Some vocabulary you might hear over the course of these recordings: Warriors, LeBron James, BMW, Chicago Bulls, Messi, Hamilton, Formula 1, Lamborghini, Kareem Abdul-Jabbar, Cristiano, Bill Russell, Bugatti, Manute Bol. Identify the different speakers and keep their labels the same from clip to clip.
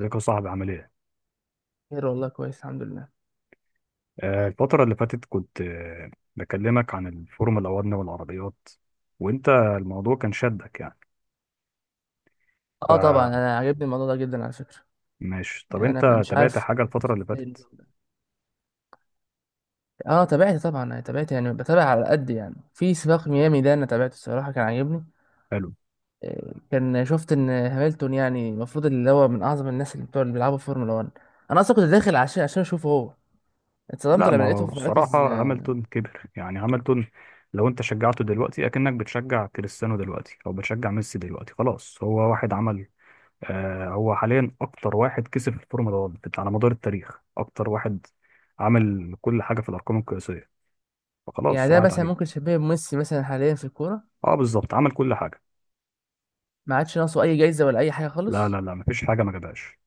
Speaker 1: ازيك يا صاحبي عامل ايه؟
Speaker 2: خير والله، كويس الحمد لله.
Speaker 1: الفترة اللي فاتت كنت بكلمك عن الفورمولا 1 والعربيات، وانت الموضوع كان شدك يعني.
Speaker 2: اه طبعا انا عجبني الموضوع ده جدا على فكره.
Speaker 1: فماشي، طب
Speaker 2: يعني انا
Speaker 1: انت
Speaker 2: أنا مش
Speaker 1: تابعت
Speaker 2: عارف
Speaker 1: حاجة الفترة اللي
Speaker 2: إزاي
Speaker 1: فاتت؟
Speaker 2: النظام ده. اه تابعت طبعا، انا تابعت يعني بتابع على قد يعني. في سباق ميامي ده انا تابعته الصراحه كان عاجبني.
Speaker 1: حلو.
Speaker 2: كان شفت ان هامilton يعني المفروض اللي هو من اعظم الناس اللي بتوع اللي بيلعبوا في فورمولا 1. انا اصلا كنت داخل عشان اشوفه هو. اتصدمت
Speaker 1: لا،
Speaker 2: لما
Speaker 1: ما
Speaker 2: لقيته
Speaker 1: هو
Speaker 2: في مراكز
Speaker 1: الصراحة هاملتون كبر، يعني هاملتون لو انت شجعته دلوقتي اكنك بتشجع كريستيانو دلوقتي او بتشجع ميسي دلوقتي. خلاص، هو واحد عمل هو حاليا اكتر واحد كسب في الفورمولا 1 على مدار التاريخ، اكتر واحد عمل كل حاجة في الارقام القياسية،
Speaker 2: يعني
Speaker 1: فخلاص
Speaker 2: ده
Speaker 1: راحت
Speaker 2: مثلا ممكن
Speaker 1: عليه.
Speaker 2: شبيه بميسي مثلا حاليا في الكوره.
Speaker 1: اه بالظبط، عمل كل حاجه.
Speaker 2: ما عادش ناقصه اي جايزه ولا اي حاجه
Speaker 1: لا
Speaker 2: خالص.
Speaker 1: لا لا، مفيش حاجه ما جابهاش.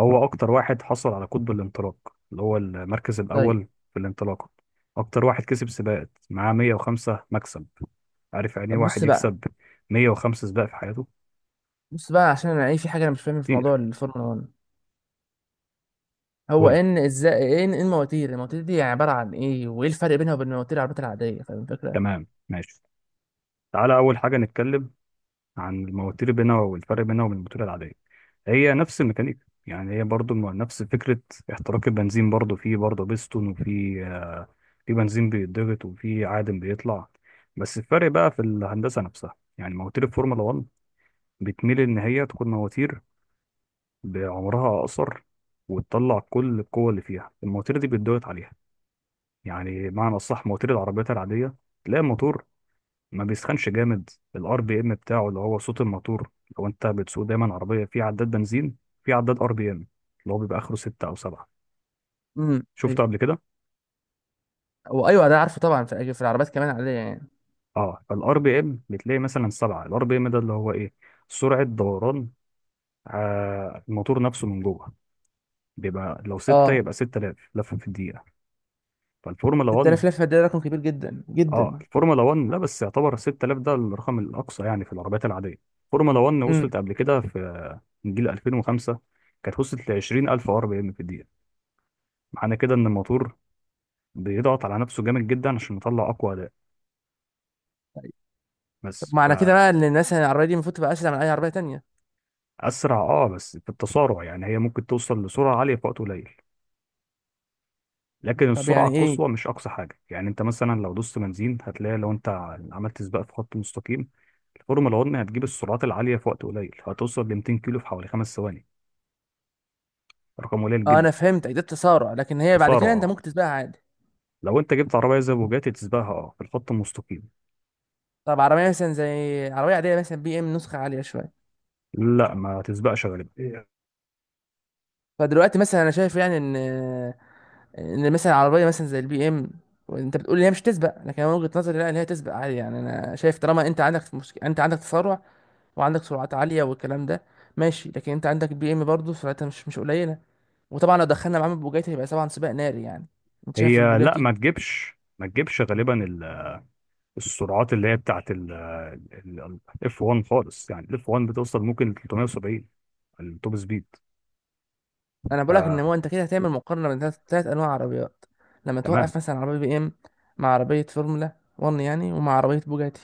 Speaker 1: هو اكتر واحد حصل على قطب الانطلاق، اللي هو المركز
Speaker 2: طيب.
Speaker 1: الاول في الانطلاقه. اكتر واحد كسب سباقات معاه، 105 مكسب. عارف يعني ايه
Speaker 2: طب
Speaker 1: واحد
Speaker 2: بص بقى.
Speaker 1: يكسب 105 سباق في حياته؟
Speaker 2: بص بقى، عشان انا ايه، في حاجه انا مش فاهم في موضوع
Speaker 1: كتير.
Speaker 2: الفورمولا 1. هو
Speaker 1: قول لي.
Speaker 2: ان ازاي، ايه ان إيه المواتير دي يعني عباره عن ايه، وايه الفرق بينها وبين مواتير العربيات العاديه؟ فاهم الفكره؟
Speaker 1: تمام ماشي. تعالى اول حاجه نتكلم عن المواتير بينها والفرق بينها وبين الموتور العاديه. هي نفس الميكانيكا، يعني هي برضو نفس فكره احتراق البنزين، برضو فيه برضو بيستون، وفي بنزين بيتضغط وفي عادم بيطلع. بس الفرق بقى في الهندسة نفسها، يعني مواتير الفورمولا 1 بتميل إن هي تكون مواتير بعمرها أقصر، وتطلع كل القوة اللي فيها. المواتير دي بيتضغط عليها، يعني معنى الصح. مواتير العربيات العادية تلاقي الموتور ما بيسخنش جامد. الار بي ام بتاعه، اللي هو صوت الموتور، لو انت بتسوق دايما عربية في عداد بنزين، في عداد ار بي ام اللي هو بيبقى اخره ستة او سبعة.
Speaker 2: امم،
Speaker 1: شفته
Speaker 2: ايوه.
Speaker 1: قبل كده؟
Speaker 2: هو ايوه ده عارفه طبعا. في في العربيات كمان عاديه يعني.
Speaker 1: اه، فالار بي ام بتلاقي مثلا سبعة. الار بي ام ده اللي هو ايه؟ سرعة دوران الموتور نفسه من جوه، بيبقى لو ستة
Speaker 2: اه،
Speaker 1: يبقى 6000 لفة في الدقيقة. فالفورمولا 1
Speaker 2: 6000 لفه ده رقم كبير جدا
Speaker 1: اه
Speaker 2: جدا.
Speaker 1: الفورمولا 1 لا بس يعتبر 6000 ده الرقم الأقصى يعني في العربيات العادية. الفورمولا 1
Speaker 2: امم.
Speaker 1: وصلت قبل كده في، من جيل 2005 كانت وصلت ل 20000 ار بي ام في الدقيقة. معنى كده إن الموتور بيضغط على نفسه جامد جدا عشان يطلع أقوى أداء.
Speaker 2: طيب. طب
Speaker 1: بس.
Speaker 2: معنى كده بقى ان الناس العربيه دي المفروض تبقى اسرع من اي عربيه تانية؟
Speaker 1: فأسرع، اه بس في التسارع، يعني هي ممكن توصل لسرعة عالية في وقت قليل، لكن
Speaker 2: طب
Speaker 1: السرعه
Speaker 2: يعني
Speaker 1: القصوى
Speaker 2: ايه؟
Speaker 1: مش اقصى حاجه. يعني انت مثلا لو دوست بنزين هتلاقي، لو انت عملت سباق في خط مستقيم، الفورمولا 1 هتجيب السرعات العاليه في وقت قليل، هتوصل ل 200 كيلو في حوالي 5 ثواني، رقم قليل
Speaker 2: اه، انا
Speaker 1: جدا.
Speaker 2: فهمت ده تسارع، لكن هي بعد
Speaker 1: خساره
Speaker 2: كده انت
Speaker 1: اه،
Speaker 2: ممكن تسبقها عادي.
Speaker 1: لو انت جبت عربيه زي بوجاتي تسبقها، اه في الخط المستقيم.
Speaker 2: طب عربيه مثلا زي عربيه عاديه، مثلا بي ام نسخه عاليه شويه.
Speaker 1: لا ما تسبقش غالبا.
Speaker 2: فدلوقتي مثلا انا شايف يعني ان، ان مثلا عربيه مثلا زي البي ام، وانت بتقول لي هي مش تسبق، لكن انا من وجهه نظري لا، ان هي تسبق عادي. يعني انا شايف طالما انت عندك مشكله، انت عندك تسارع وعندك سرعات عاليه والكلام ده، ماشي، لكن انت عندك بي ام برضه سرعتها مش، مش قليله. وطبعا لو دخلنا معاه البوجاتي هيبقى طبعا سباق ناري يعني. انت شايف
Speaker 1: هي لا،
Speaker 2: البوجاتي؟
Speaker 1: ما تجيبش غالبا السرعات اللي هي بتاعت الاف 1 خالص، يعني الاف 1 بتوصل ممكن ل 370، التوب سبيد.
Speaker 2: انا بقول لك ان
Speaker 1: فتمام
Speaker 2: هو انت كده هتعمل مقارنه بين ثلاث انواع عربيات. لما توقف مثلا عربيه بي ام مع عربيه فورمولا 1 يعني، ومع عربيه بوجاتي.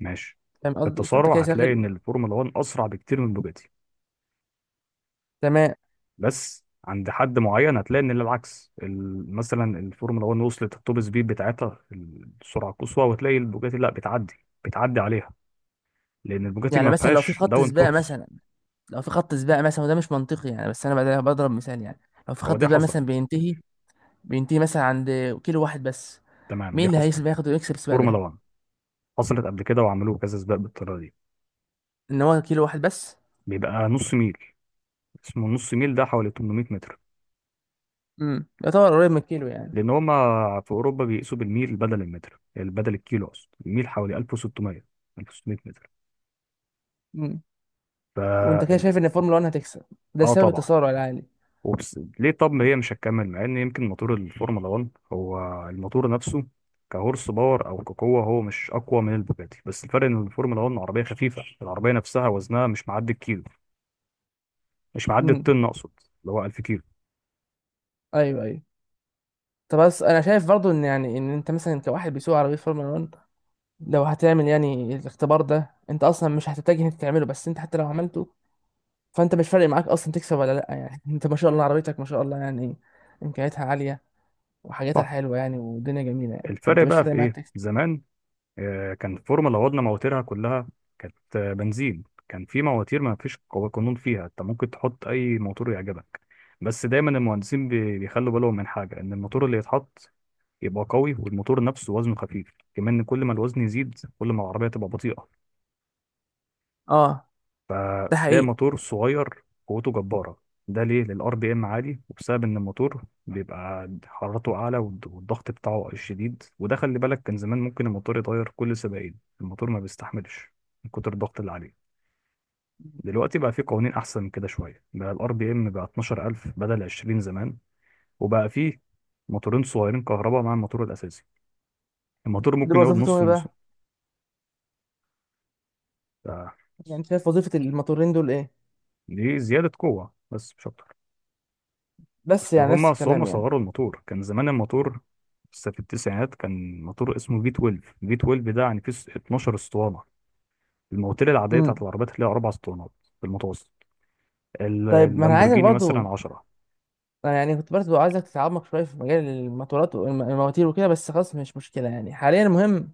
Speaker 1: ماشي.
Speaker 2: فاهم
Speaker 1: في
Speaker 2: قصدي؟ فانت
Speaker 1: التسارع
Speaker 2: كده
Speaker 1: هتلاقي ان
Speaker 2: شاغل.
Speaker 1: الفورمولا 1 اسرع بكتير من بوجاتي.
Speaker 2: تمام.
Speaker 1: بس عند حد معين هتلاقي ان العكس، مثلا الفورمولا 1 وصلت التوب سبيد بتاعتها في السرعه القصوى، وتلاقي البوجاتي لا بتعدي عليها، لان البوجاتي
Speaker 2: يعني
Speaker 1: ما
Speaker 2: مثلا لو في
Speaker 1: فيهاش
Speaker 2: خط
Speaker 1: داون
Speaker 2: سباق
Speaker 1: فورس.
Speaker 2: مثلا، لو في خط سباق مثلا، وده مش منطقي يعني بس انا بعدها بضرب مثال يعني، لو في
Speaker 1: هو
Speaker 2: خط
Speaker 1: دي
Speaker 2: سباق مثلا
Speaker 1: حصلت.
Speaker 2: بينتهي، بينتهي مثلا عند كيلو واحد بس،
Speaker 1: تمام
Speaker 2: مين
Speaker 1: دي
Speaker 2: اللي
Speaker 1: حصلت.
Speaker 2: هيسبق ياخد ويكسب السباق
Speaker 1: فورمولا
Speaker 2: ده؟
Speaker 1: 1 حصلت قبل كده وعملوه كذا سباق بالطريقه دي.
Speaker 2: ان هو كيلو واحد بس.
Speaker 1: بيبقى نص ميل، اسمه نص ميل، ده حوالي 800 متر،
Speaker 2: امم، يعتبر قريب من الكيلو يعني.
Speaker 1: لان هما في اوروبا بيقيسوا بالميل بدل المتر، بدل الكيلو اقصد. الميل حوالي 1600 متر.
Speaker 2: امم.
Speaker 1: ف
Speaker 2: وانت كده شايف ان الفورمولا 1 هتكسب؟ ده
Speaker 1: اه
Speaker 2: سبب
Speaker 1: طبعا.
Speaker 2: التسارع العالي.
Speaker 1: وبس ليه؟ طب ما هي مش هتكمل، مع ان يمكن موتور الفورمولا 1، هو الموتور نفسه كهورس باور او كقوه، هو مش اقوى من البوجاتي. بس الفرق ان الفورمولا 1 عربيه خفيفه، العربيه نفسها وزنها مش معدي الكيلو، مش معدي
Speaker 2: امم.
Speaker 1: الطن اقصد، اللي هو 1000 كيلو.
Speaker 2: ايوه، ايوه. طب بس انا شايف برضو ان يعني، ان انت مثلا كواحد بيسوق عربيه فورمولا 1 لو هتعمل يعني الاختبار ده، انت اصلا مش هتتجه انت تعمله، بس انت حتى لو عملته فانت مش فارق معاك اصلا تكسب ولا لا يعني انت ما شاء الله، عربيتك ما شاء الله يعني، امكانياتها عاليه وحاجاتها
Speaker 1: صح.
Speaker 2: حلوه يعني، والدنيا جميله يعني،
Speaker 1: الفرق
Speaker 2: فانت مش
Speaker 1: بقى
Speaker 2: فارق
Speaker 1: في
Speaker 2: معاك
Speaker 1: ايه؟
Speaker 2: تكسب.
Speaker 1: زمان كان الفورمه اللي عوضنا مواتيرها كلها كانت بنزين. كان في مواتير ما فيش قانون فيها، انت ممكن تحط اي موتور يعجبك. بس دايما المهندسين بيخلوا بالهم من حاجه، ان الموتور اللي يتحط يبقى قوي، والموتور نفسه وزنه خفيف كمان. كل ما الوزن يزيد كل ما العربيه تبقى بطيئه.
Speaker 2: اه. ده
Speaker 1: تلاقي
Speaker 2: حقيقي.
Speaker 1: موتور صغير قوته جبارة، ده ليه؟ للار بي ام عالي، وبسبب ان الموتور بيبقى حرارته اعلى، والضغط بتاعه شديد. وده خلي بالك، كان زمان ممكن الموتور يتغير كل سباقين، الموتور ما بيستحملش من كتر الضغط اللي عليه. دلوقتي بقى في قوانين احسن من كده شويه، بقى الار بي ام بقى 12000 بدل 20 زمان، وبقى فيه موتورين صغيرين كهرباء مع الموتور الاساسي، الموتور
Speaker 2: دول
Speaker 1: ممكن يقعد
Speaker 2: وظيفتهم
Speaker 1: نص
Speaker 2: ايه
Speaker 1: موسم.
Speaker 2: بقى؟
Speaker 1: ف-
Speaker 2: يعني شايف وظيفه الموتورين دول ايه؟
Speaker 1: دي زياده قوه بس مش اكتر.
Speaker 2: بس
Speaker 1: اصل
Speaker 2: يعني نفس
Speaker 1: هما اصل هما
Speaker 2: الكلام يعني.
Speaker 1: صغروا الموتور. كان زمان الموتور لسه في التسعينات، كان موتور اسمه في 12، في 12 ده يعني فيه 12 اسطوانه. المواتير العاديه بتاعت
Speaker 2: امم.
Speaker 1: العربيات اللي هي اربع اسطوانات في المتوسط.
Speaker 2: طيب، ما انا عايزك
Speaker 1: اللامبورجيني مثلا
Speaker 2: برضه،
Speaker 1: 10.
Speaker 2: أنا يعني كنت برضه عايزك تتعمق شويه في مجال الموتورات والمواتير وكده، بس خلاص مش مشكله يعني. حاليا المهم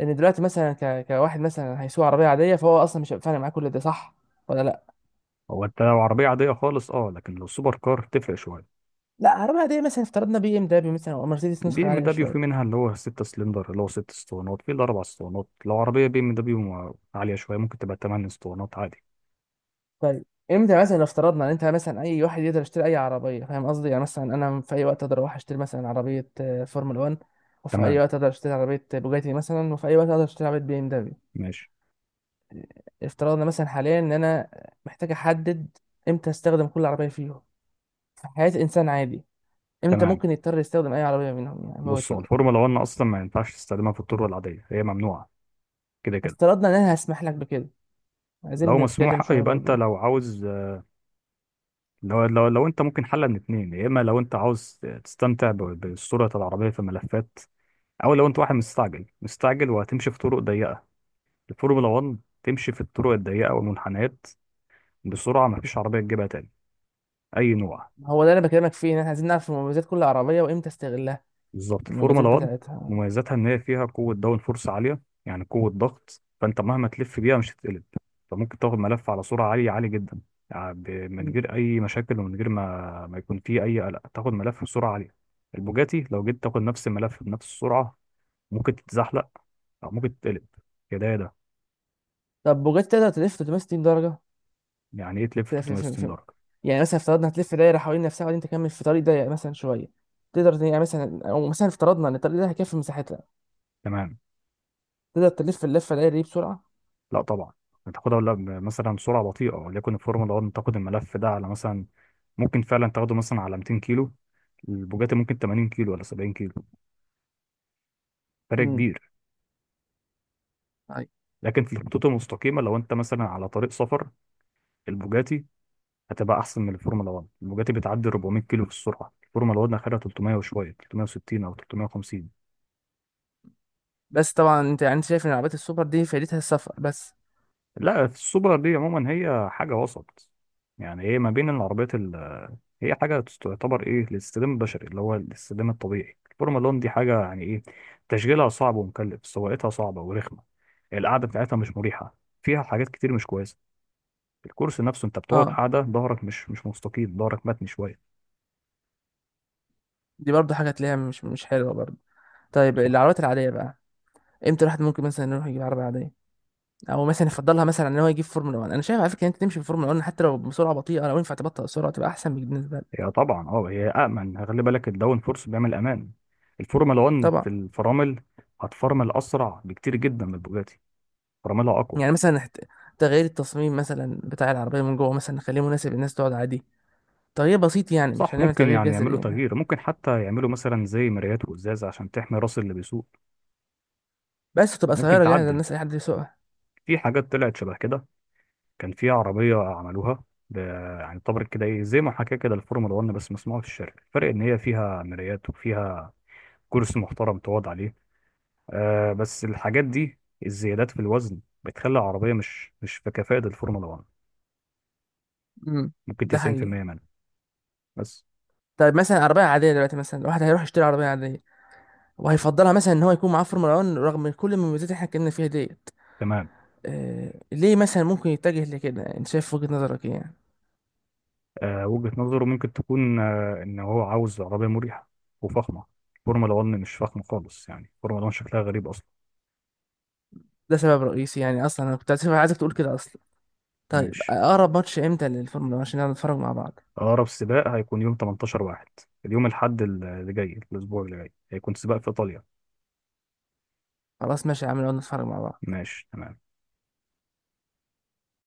Speaker 2: ان دلوقتي مثلا ك... كواحد مثلا هيسوق عربيه عاديه، فهو اصلا مش هيبقى فارق معاه كل ده، صح ولا لا؟
Speaker 1: هو انت لو عربيه عاديه خالص اه، لكن لو سوبر كار تفرق شويه.
Speaker 2: لا، عربية عادية مثلا، افترضنا بي ام دبليو مثلا او مرسيدس
Speaker 1: البي
Speaker 2: نسخة
Speaker 1: ام
Speaker 2: عالية
Speaker 1: دبليو في
Speaker 2: شوية.
Speaker 1: منها اللي هو 6 سلندر، اللي هو 6 اسطوانات، في الاربع اسطوانات. لو عربيه بي ام دبليو عاليه شويه ممكن تبقى 8 اسطوانات عادي.
Speaker 2: طيب، امتى مثلا، لو افترضنا ان انت مثلا، اي واحد يقدر يشتري اي عربية، فاهم قصدي؟ يعني مثلا انا في اي وقت اقدر اروح اشتري مثلا عربية فورمولا 1، وفي اي
Speaker 1: تمام
Speaker 2: وقت اقدر اشتري عربية بوجاتي مثلا، وفي اي وقت اقدر اشتري عربية بي ام دبليو.
Speaker 1: ماشي.
Speaker 2: افترضنا مثلا حاليا ان انا محتاج احدد امتى استخدم كل عربية فيهم في حياة انسان عادي. امتى
Speaker 1: تمام.
Speaker 2: ممكن يضطر يستخدم اي عربية منهم يعني بوجهة
Speaker 1: بصوا،
Speaker 2: نظري؟
Speaker 1: الفورمولا 1 اصلا ما ينفعش تستخدمها في الطرق العاديه، هي ممنوعه كده كده.
Speaker 2: افترضنا ان انا هسمح لك بكده، عايزين
Speaker 1: لو
Speaker 2: نتكلم
Speaker 1: مسموح
Speaker 2: شوية
Speaker 1: يبقى انت
Speaker 2: برضو.
Speaker 1: لو عاوز، لو انت ممكن حل من اتنين، يا اما لو انت عاوز تستمتع بالصوره العربيه في ملفات، او لو انت واحد مستعجل مستعجل وهتمشي في طرق ضيقه. الفورمولا 1 تمشي في الطرق الضيقه والمنحنيات بسرعه، مفيش عربيه تجيبها تاني اي نوع.
Speaker 2: هو ده اللي أنا بكلمك فيه، إن إحنا عايزين نعرف مميزات كل عربية وإمتى استغلها.
Speaker 1: بالظبط
Speaker 2: المميزات
Speaker 1: الفورمولا 1
Speaker 2: بتاعتها.
Speaker 1: مميزاتها ان هي فيها قوه داون فورس عاليه، يعني قوه ضغط. فانت مهما تلف بيها مش هتتقلب، انت ممكن تاخد ملف على سرعه عاليه، عاليه جدا، يعني من
Speaker 2: م.
Speaker 1: غير اي مشاكل، ومن غير ما يكون فيه اي قلق، تاخد ملف بسرعه عاليه. البوجاتي لو جيت تاخد نفس الملف بنفس السرعه ممكن تتزحلق او ممكن تتقلب، يا ده يا ده.
Speaker 2: طب بوجاتي تقدر تلف 360 درجة؟
Speaker 1: يعني ايه تلف
Speaker 2: في في في
Speaker 1: 360
Speaker 2: في
Speaker 1: درجه؟
Speaker 2: يعني مثلا افترضنا هتلف دايرة حوالين نفسها وبعدين تكمل في طريق ضيق مثلا شوية، تقدر ت- يعني مثلا، أو مثلا افترضنا إن الطريق ده هيكفي مساحتها،
Speaker 1: تمام.
Speaker 2: تقدر تلف اللفة الدايرة دي بسرعة؟
Speaker 1: لا طبعا. هتاخدها ولا مثلا بسرعه بطيئه، وليكن الفورمولا 1 تاخد الملف ده على مثلا، ممكن فعلا تاخده مثلا على 200 كيلو، البوجاتي ممكن 80 كيلو ولا 70 كيلو. فرق
Speaker 2: امم.
Speaker 1: كبير.
Speaker 2: أيوة.
Speaker 1: لكن في الخطوط المستقيمه لو انت مثلا على طريق سفر، البوجاتي هتبقى احسن من الفورمولا 1. البوجاتي بتعدي 400 كيلو في السرعه، الفورمولا 1 اخرها 300 وشويه، 360 او 350.
Speaker 2: بس طبعا أنت يعني، أنت شايف إن العربيات السوبر دي فايدتها السفر بس؟
Speaker 1: لا، السوبر دي عموما هي حاجه وسط، يعني هي ما بين العربيات. هي حاجة تعتبر إيه للاستخدام البشري، اللي هو الاستخدام الطبيعي. الفورمولا 1 دي حاجة يعني إيه، تشغيلها صعب ومكلف، سواقتها صعبة ورخمة، القعدة بتاعتها مش مريحة، فيها حاجات كتير مش كويسة. الكرسي نفسه أنت بتقعد
Speaker 2: أه.
Speaker 1: قاعدة ظهرك مش مستقيم، ظهرك متني شوية.
Speaker 2: دي برضه حاجة تلاقيها مش، مش حلوة برضه. طيب
Speaker 1: صح.
Speaker 2: العربيات العادية بقى، إمتى الواحد ممكن مثلا يروح يجيب عربية عادية او مثلا يفضلها مثلا ان هو يجيب فورمولا 1؟ انا شايف على فكره ان انت تمشي في فورمولا 1 حتى لو بسرعه بطيئه، لو ينفع تبطئ السرعه تبقى احسن بالنسبه لك.
Speaker 1: هي طبعا هي أأمن، خلي بالك، الداون فورس بيعمل أمان. الفورمولا 1
Speaker 2: طبعا.
Speaker 1: في الفرامل هتفرمل أسرع بكتير جدا من البوجاتي، فراملها أقوى.
Speaker 2: يعني مثلا حت-، تغيير التصميم مثلا بتاع العربيه من جوه مثلا، نخليه مناسب للناس تقعد عادي، تغيير بسيط يعني مش
Speaker 1: صح،
Speaker 2: هنعمل
Speaker 1: ممكن
Speaker 2: تغيير
Speaker 1: يعني
Speaker 2: جذري
Speaker 1: يعملوا
Speaker 2: يعني،
Speaker 1: تغيير، ممكن حتى يعملوا مثلا زي مرايات وإزاز عشان تحمي راس اللي بيسوق.
Speaker 2: بس تبقى
Speaker 1: ممكن
Speaker 2: سياره جاهزه
Speaker 1: تعدل.
Speaker 2: الناس، اي حد يسوقها.
Speaker 1: في حاجات طلعت شبه كده، كان في عربية عملوها ب... يعني طبعا كده ايه، زي ما حكى كده الفورمولا 1 بس مصنوعة في الشركة، الفرق ان هي فيها مرايات وفيها كرسي محترم تقعد عليه. آه بس الحاجات دي، الزيادات في الوزن، بتخلي العربية مش في كفاءة الفورمولا 1،
Speaker 2: امم.
Speaker 1: ممكن
Speaker 2: ده حقيقي.
Speaker 1: 90% منها بس.
Speaker 2: طيب مثلا عربيه عاديه دلوقتي، مثلا الواحد هيروح يشتري عربيه عاديه وهيفضلها مثلا ان هو يكون معاه فورمولا 1 رغم كل المميزات اللي احنا اتكلمنا فيها ديت،
Speaker 1: تمام.
Speaker 2: آه ليه مثلا ممكن يتجه لكده؟ انت شايف وجهه نظرك ايه يعني؟
Speaker 1: آه، وجهة نظره ممكن تكون ان هو عاوز عربية مريحة وفخمة. الفورمولا 1 مش فخمة خالص، يعني الفورمولا 1 شكلها غريب اصلا.
Speaker 2: ده سبب رئيسي يعني اصلا، انا كنت عايزك تقول كده اصلا. طيب
Speaker 1: ماشي.
Speaker 2: اقرب ماتش امتى للفورمولا 1 عشان نقعد نتفرج مع بعض؟
Speaker 1: أقرب سباق هيكون يوم 18 واحد، اليوم الأحد اللي جاي، الأسبوع اللي جاي، هيكون سباق في إيطاليا.
Speaker 2: خلاص ماشي يا عم، نقعد نتفرج مع بعض.
Speaker 1: ماشي تمام.